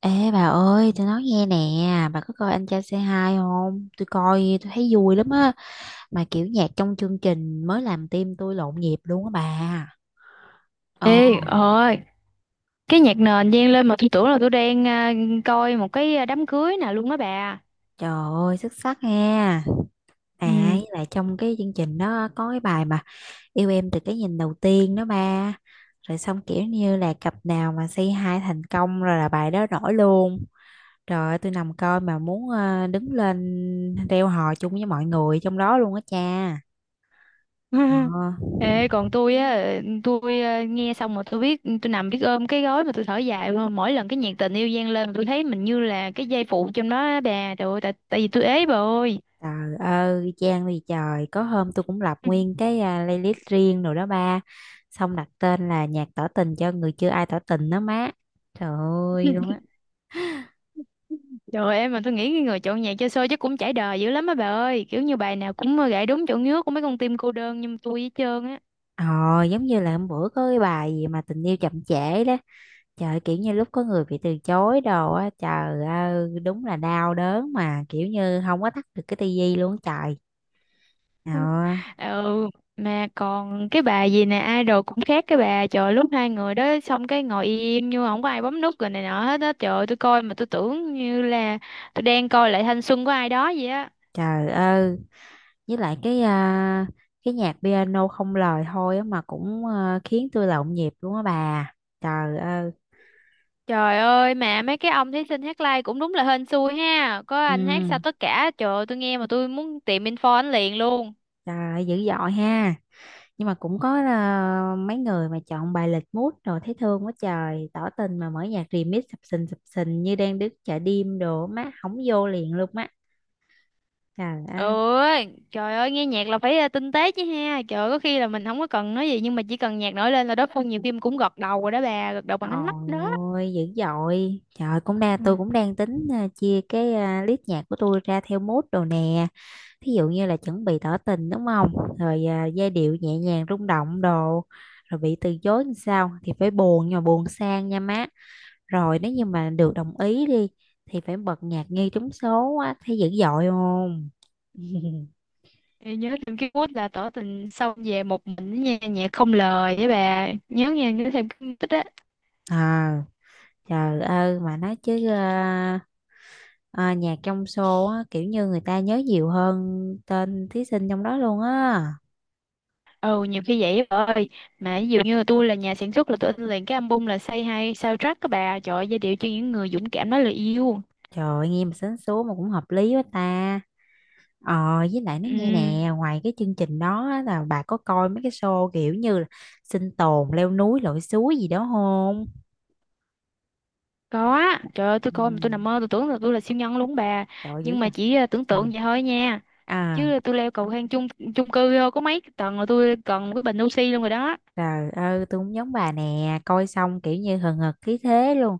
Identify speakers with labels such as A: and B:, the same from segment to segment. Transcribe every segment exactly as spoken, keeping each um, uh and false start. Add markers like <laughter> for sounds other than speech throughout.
A: Ê bà ơi, tôi nói nghe nè, bà có coi Anh Trai Say Hi không? Tôi coi, tôi thấy vui lắm á. Mà kiểu nhạc trong chương trình mới làm tim tôi lộn nhịp luôn á bà. Ồ,
B: Ê, ơi, cái nhạc nền vang lên mà tôi tưởng là tôi đang à, coi một cái à, đám cưới nè luôn á bà.
A: trời ơi, xuất sắc nha. À,
B: Ừ.
A: với lại trong cái chương trình đó có cái bài mà Yêu Em Từ Cái Nhìn Đầu Tiên đó ba. Rồi xong kiểu như là cặp nào mà Say Hi thành công rồi là bài đó nổi luôn. Trời ơi, tôi nằm coi mà muốn ờ, đứng lên reo hò chung với mọi người trong đó luôn á cha.
B: <laughs>
A: Ờ.
B: Ê, còn tôi á, tôi à, nghe xong mà tôi biết, tôi nằm biết ôm cái gối mà tôi thở dài luôn. Mỗi lần cái nhạc tình yêu vang lên tôi thấy mình như là cái dây phụ trong đó á bà. Trời ơi, tại, tại vì tôi ế bà ơi.
A: Trời ơi, Trang vì trời, có hôm tôi cũng lập nguyên
B: <laughs>
A: cái à, playlist riêng rồi đó ba. Xong đặt tên là nhạc tỏ tình cho người chưa ai tỏ tình đó má. Trời ơi luôn á.
B: Trời ơi, em mà tôi nghĩ cái người chọn nhạc cho show chắc cũng trải đời dữ lắm á bà ơi. Kiểu như bài nào cũng gảy đúng chỗ ngứa của mấy con tim cô đơn nhưng mà tôi với trơn á.
A: Ờ, giống như là hôm bữa có cái bài gì mà tình yêu chậm trễ đó. Trời, kiểu như lúc có người bị từ chối đồ á, trời ơi, đúng là đau đớn mà kiểu như không có tắt được cái tivi luôn á trời. Ờ,
B: Ừ, mà còn cái bà gì nè idol cũng khác cái bà trời lúc hai người đó xong cái ngồi im nhưng mà không có ai bấm nút rồi này nọ hết á. Trời ơi, tôi coi mà tôi tưởng như là tôi đang coi lại thanh xuân của ai đó vậy á.
A: trời ơi, với lại cái à, cái nhạc piano không lời thôi á mà cũng à, khiến tôi là nhịp luôn á bà, trời ơi.
B: Trời ơi mà mấy cái ông thí sinh hát live cũng đúng là hên xui ha, có anh hát sao
A: ừ,
B: tất cả, trời ơi, tôi nghe mà tôi muốn tìm info anh liền luôn.
A: Trời ơi, dữ dội ha, nhưng mà cũng có à, mấy người mà chọn bài lịch mút rồi thấy thương quá trời, tỏ tình mà mở nhạc remix sập sình sập sình như đang đứng chợ đêm đồ má, hổng vô liền luôn á, trời ơi.
B: Ừ, trời ơi, nghe nhạc là phải ờ, tinh tế chứ ha. Trời ơi, có khi là mình không có cần nói gì nhưng mà chỉ cần nhạc nổi lên là đối phương nhiều khi cũng gật đầu rồi đó bà, gật đầu bằng ánh mắt đó.
A: Ôi dữ dội, trời, cũng đang
B: Ừ.
A: tôi cũng đang tính à, chia cái à, list nhạc của tôi ra theo mood đồ nè, thí dụ như là chuẩn bị tỏ tình đúng không, rồi à, giai điệu nhẹ nhàng rung động đồ, rồi bị từ chối làm sao thì phải buồn nhưng mà buồn sang nha má, rồi nếu như mà được đồng ý đi thì phải bật nhạc nghe trúng số á, thấy dữ dội không? <laughs>
B: Ê, nhớ thêm cái quýt là tỏ tình xong về một mình nha, nhạc không lời với bà nhớ nha, nhớ thêm cái tích á.
A: à Trời ơi, mà nói chứ à, à, nhạc trong show á, kiểu như người ta nhớ nhiều hơn tên thí sinh trong đó luôn á.
B: Ừ, nhiều khi vậy á bà ơi. Mà ví dụ như là tôi là nhà sản xuất là tôi in liền cái album là Say Hi soundtrack các bà, trời ơi, giai điệu cho những người dũng cảm nói lời yêu.
A: Trời ơi, nghe mà sến súa mà cũng hợp lý quá ta. Ờ, với lại nó nghe
B: Ừ,
A: nè, ngoài cái chương trình đó á, là bà có coi mấy cái show kiểu như là sinh tồn, leo núi, lội suối gì đó không?
B: có á. Trời ơi, tôi
A: Ừ,
B: coi mà tôi nằm mơ tôi tưởng là tôi là siêu nhân luôn bà.
A: trời ơi, dữ
B: Nhưng mà
A: vậy.
B: chỉ ờ, tưởng
A: Ừ.
B: tượng vậy thôi nha.
A: À,
B: Chứ tôi leo cầu thang chung chung cư ờ, có mấy tầng là tôi cần một cái bình oxy luôn rồi đó.
A: trời ơi, tôi cũng giống bà nè, coi xong kiểu như hừng hực khí thế luôn.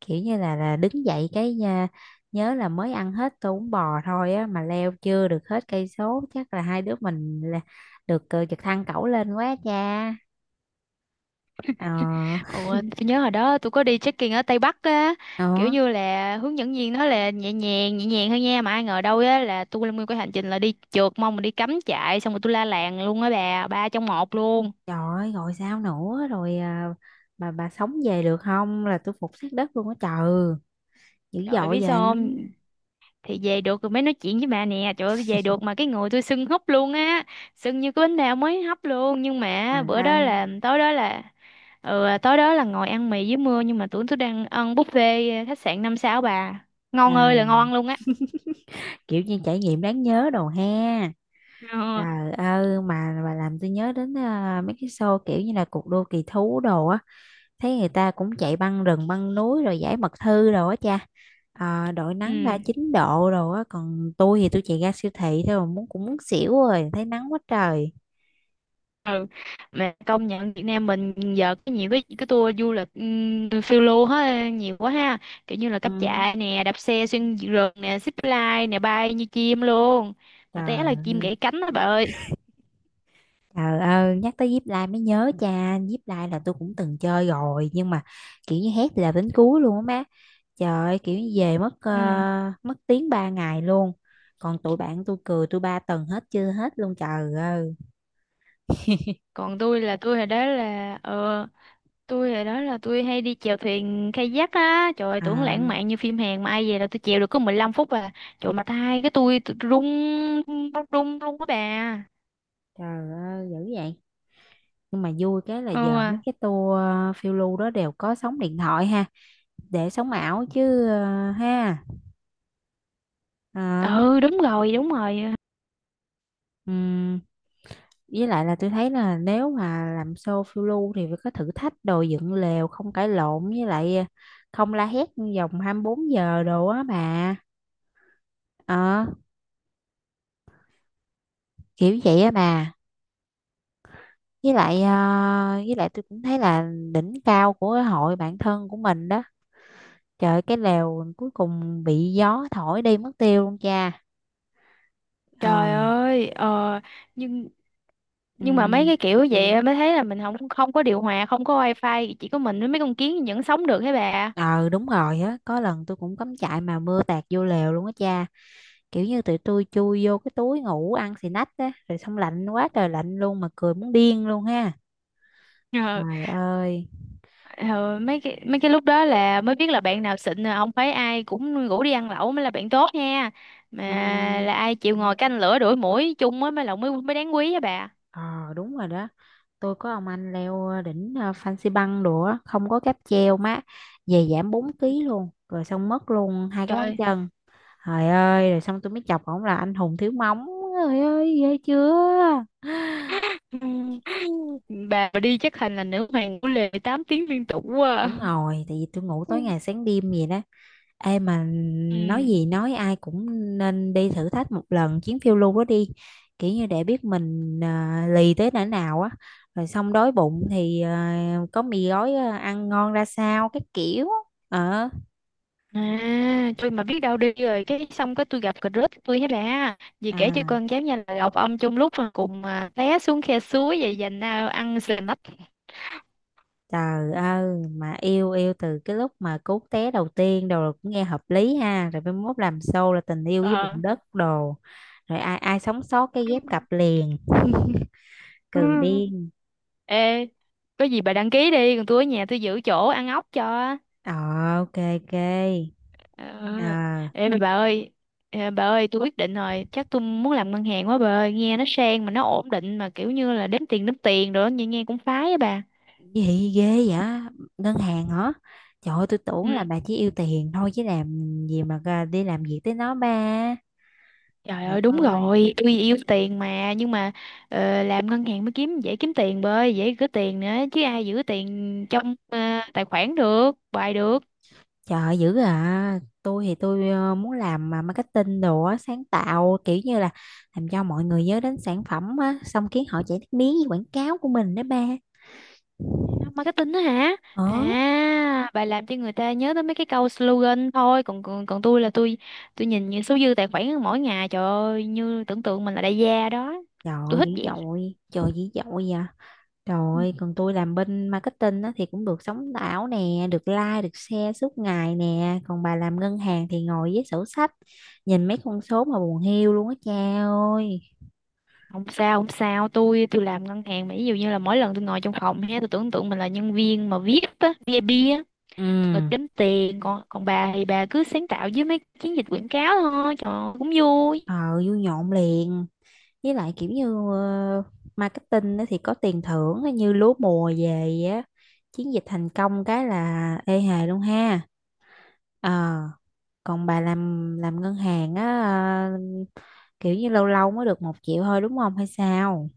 A: Kiểu như là là đứng dậy cái nha, nhớ là mới ăn hết tô bún bò thôi á mà leo chưa được hết cây số, chắc là hai đứa mình là được ờ, giật thăng cẩu lên quá cha. Ờ,
B: Ủa, tôi nhớ hồi đó tôi có đi trekking ở Tây Bắc á, kiểu
A: đó.
B: như là hướng dẫn viên nói là nhẹ nhàng, nhẹ nhàng thôi nha, mà ai ngờ đâu á là tôi lên nguyên cái hành trình là đi trượt mông mà đi cắm trại xong rồi tôi la làng luôn á bà, ba trong một luôn.
A: Trời ơi, gọi sao nữa rồi à, bà bà sống về được không là tôi phục sát đất luôn á trời, dữ
B: Trời ơi,
A: dội
B: biết sao
A: vậy.
B: không? Thì về được rồi mới nói chuyện với bà nè, trời ơi tôi về được mà cái người tôi sưng húp luôn á, sưng như cái bánh bao mới hấp luôn, nhưng
A: à,
B: mà bữa đó
A: à
B: là tối đó là ừ, tối đó là ngồi ăn mì dưới mưa nhưng mà tưởng tôi đang ăn buffet khách sạn năm sao bà. Ngon ơi là
A: Trời,
B: ngon luôn á.
A: kiểu như trải nghiệm đáng nhớ đồ ha.
B: Ờ.
A: Trời ơi, mà bà làm tôi nhớ đến à, mấy cái show kiểu như là cuộc đua kỳ thú đồ á, thấy người ta cũng chạy băng rừng băng núi rồi giải mật thư đồ á cha, à, đội nắng ba
B: Ừ.
A: chín độ đồ á, còn tôi thì tôi chạy ra siêu thị thôi mà muốn cũng muốn xỉu rồi thấy nắng quá trời.
B: Ừ, mà công nhận Việt Nam mình giờ có nhiều cái cái tour du lịch um, phiêu lưu hết nhiều quá ha, kiểu như là cáp
A: Ừ,
B: trại nè, đạp xe xuyên rừng nè, zip line nè, bay như chim luôn. Mà té là chim
A: trời.
B: gãy cánh đó bà ơi.
A: Trời ơi, nhắc tới Zip Line mới nhớ cha, Zip Line là tôi cũng từng chơi rồi nhưng mà kiểu như hét là đến cuối luôn á má. Trời ơi, kiểu như về mất ờ,
B: Ừ.
A: mất tiếng ba ngày luôn. Còn tụi bạn tôi cười tôi ba tuần hết chưa hết luôn trời ơi.
B: Còn tôi là tôi hồi đó là ờ tôi hồi đó là tôi hay đi chèo thuyền kayak á, trời ơi, tưởng lãng
A: À,
B: mạn như phim Hàn mà ai về là tôi chèo được có mười lăm phút à. Trời, mà tay cái tôi tôi rung rung rung luôn á bà.
A: trời ơi, dữ vậy. Nhưng mà vui cái là
B: Ừ
A: giờ mấy
B: à.
A: cái tour ờ, phiêu lưu đó đều có sóng điện thoại ha, để sóng ảo chứ ờ, ha. Ờ.
B: Ừ, đúng rồi đúng rồi.
A: Ừm, với lại là tôi thấy là nếu mà làm show phiêu lưu thì phải có thử thách đồ, dựng lều không cãi lộn, với lại ờ, không la hét vòng hai mươi bốn giờ đồ á bà, ờ, kiểu vậy á bà. Với lại ờ, với lại tôi cũng thấy là đỉnh cao của cái hội bạn thân của mình đó, trời ơi, cái lều cuối cùng bị gió thổi đi mất tiêu luôn cha.
B: Trời
A: Ờ.
B: ơi, ờ, nhưng
A: ừ,
B: nhưng mà mấy cái kiểu vậy á, mới thấy là mình không không có điều hòa, không có wifi, chỉ có mình với mấy con kiến vẫn sống được thế bà.
A: ờ, Đúng rồi á, có lần tôi cũng cắm trại mà mưa tạt vô lều luôn á cha, kiểu như tụi tôi chui vô cái túi ngủ ăn xì nách á, rồi xong lạnh quá trời lạnh luôn mà cười muốn điên luôn ha,
B: Ờ,
A: trời ơi.
B: ờ, mấy cái mấy cái lúc đó là mới biết là bạn nào xịn là không phải ai cũng rủ đi ăn lẩu mới là bạn tốt nha. Mà
A: Ừm,
B: là ai chịu ngồi canh lửa đuổi muỗi chung á mới là mới mới đáng quý á bà.
A: ờ đúng rồi đó, tôi có ông anh leo ờ, đỉnh ờ, Fansipan đồ á, không có cáp treo má, về giảm bốn ký luôn rồi xong mất luôn hai cái móng
B: Trời.
A: chân. Trời ơi, rồi xong tôi mới chọc ổng là anh hùng thiếu móng, trời ơi ghê chưa.
B: <laughs> Bà đi chắc thành là nữ hoàng của lề tám tiếng liên tục quá. À.
A: Đúng rồi tại vì tôi ngủ tối ngày sáng đêm vậy đó. Ê mà
B: Ừ.
A: nói gì nói, ai cũng nên đi thử thách một lần chuyến phiêu lưu đó đi, kiểu như để biết mình à, lì tới哪nào á, rồi xong đói bụng thì à, có mì gói à, ăn ngon ra sao, cái kiểu ờ.
B: À, tôi mà biết đâu đi rồi cái xong cái tôi gặp cà rớt tôi hết ra vì kể cho
A: à,
B: con cháu nhà là gặp ông chung lúc mà cùng à, té xuống khe suối vậy dành à, ăn sờ nách.
A: Trời ơi, mà yêu yêu từ cái lúc mà cú té đầu tiên đồ là cũng nghe hợp lý ha, rồi mai mốt làm show là tình yêu với bụng
B: Ờ.
A: đất đồ, rồi ai ai sống sót cái ghép cặp
B: <laughs>
A: liền. <laughs>
B: Ừ.
A: Cừ điên.
B: Ê, có gì bà đăng ký đi còn tôi ở nhà tôi giữ chỗ ăn ốc cho.
A: Ờ, ok ok.
B: Ờ.
A: Ờ.
B: Ê mà bà ơi, ờ, bà ơi tôi quyết định rồi, chắc tôi muốn làm ngân hàng quá bà ơi, nghe nó sang mà nó ổn định, mà kiểu như là đếm tiền đếm tiền rồi đó, nghe nghe cũng phái á bà.
A: Gì ghê vậy? Ngân hàng hả? Trời ơi, tôi tưởng là
B: Ừ.
A: bà chỉ yêu tiền thôi chứ làm gì mà ra đi làm việc tới nó ba.
B: Trời
A: Trời
B: ơi đúng
A: ơi.
B: rồi, tôi yêu tiền mà, nhưng mà ờ, làm ngân hàng mới kiếm dễ kiếm tiền bơi, dễ gửi tiền nữa. Chứ ai giữ tiền trong ờ, tài khoản được, bài được.
A: Trời ơi, dữ à. Tôi thì tôi ờ, muốn làm mà marketing đồ á, sáng tạo kiểu như là làm cho mọi người nhớ đến sản phẩm á, xong khiến họ chạy nước miếng với quảng cáo của mình đó ba.
B: Marketing đó hả?
A: Ờ,
B: À, bài làm cho người ta nhớ tới mấy cái câu slogan thôi, còn còn, còn tôi là tôi tôi nhìn những số dư tài khoản mỗi ngày, trời ơi như tưởng tượng mình là đại gia đó.
A: trời
B: Tôi
A: ơi, dữ
B: thích vậy.
A: dội, trời dữ dội vậy.
B: Ừ.
A: Rồi, còn tôi làm bên marketing á, thì cũng được sống ảo nè, được like, được share suốt ngày nè. Còn bà làm ngân hàng thì ngồi với sổ sách, nhìn mấy con số mà buồn hiu luôn á cha ơi.
B: Không sao, không sao, tôi tôi làm ngân hàng mà ví dụ như là mỗi lần tôi ngồi trong phòng ha, tôi tưởng tượng mình là nhân viên mà viết á, vê i pê rồi
A: Ừ,
B: kiếm tiền. Còn còn bà thì bà cứ sáng tạo với mấy chiến dịch quảng cáo thôi, trời ơi, cũng vui.
A: ờ, vui nhộn liền. Với lại kiểu như ờ, marketing á, thì có tiền thưởng á, như lúa mùa về á. Chiến dịch thành công cái là ê hề luôn ha. Ờ, còn bà làm làm ngân hàng á, ờ, kiểu như lâu lâu mới được một triệu thôi đúng không hay sao?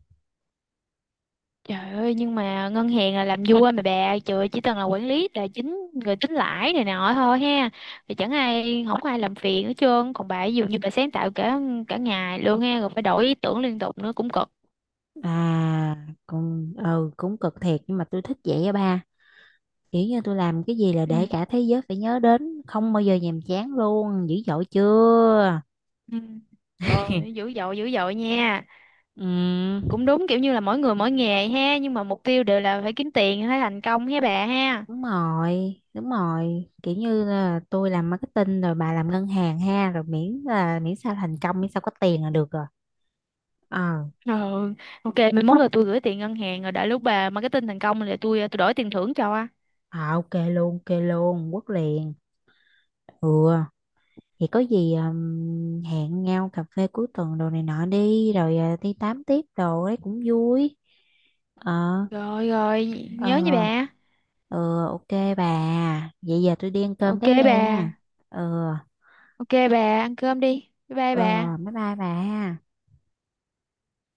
B: Trời ơi nhưng mà ngân hàng là làm vua mà bà, trời ơi, chỉ cần là quản lý tài chính rồi tính lãi này nọ thôi ha, thì chẳng ai, không có ai làm phiền hết trơn. Còn bà ví dụ như bà sáng tạo cả cả ngày luôn ha, rồi phải đổi ý tưởng liên tục nữa cũng cực.
A: À, cũng ừ, cũng cực thiệt nhưng mà tôi thích vậy á ba. Kiểu như tôi làm cái gì là
B: Ừ.
A: để cả thế giới phải nhớ đến, không bao giờ nhàm chán luôn, dữ dội chưa?
B: Ừ. Trời ơi,
A: <laughs>
B: dữ dội dữ dội nha.
A: Ừ,
B: Cũng đúng, kiểu như là mỗi người mỗi nghề ha, nhưng mà mục tiêu đều là phải kiếm tiền, phải thành công ha bà ha.
A: đúng rồi, đúng rồi. Kiểu như là tôi làm marketing rồi bà làm ngân hàng ha, rồi miễn là miễn sao thành công, miễn sao có tiền là được rồi. Ờ,
B: Ờ, ok, mai mốt là tôi gửi tiền ngân hàng rồi đợi lúc bà marketing thành công là tôi tôi đổi tiền thưởng cho.
A: à, ok luôn, ok luôn, quất liền. Ừ. Thì có gì um, hẹn nhau cà phê cuối tuần đồ này nọ đi, rồi à, đi tám tiếp đồ ấy cũng vui. Ờ.
B: Rồi rồi,
A: Ờ.
B: nhớ nha bà.
A: Ừ, ok bà. Vậy giờ tôi đi ăn cơm
B: Ok
A: cái
B: bà.
A: nghe nha. Ừ.
B: Ok bà, ăn cơm đi. Bye bye
A: Ờ,
B: bà.
A: bye bye bà.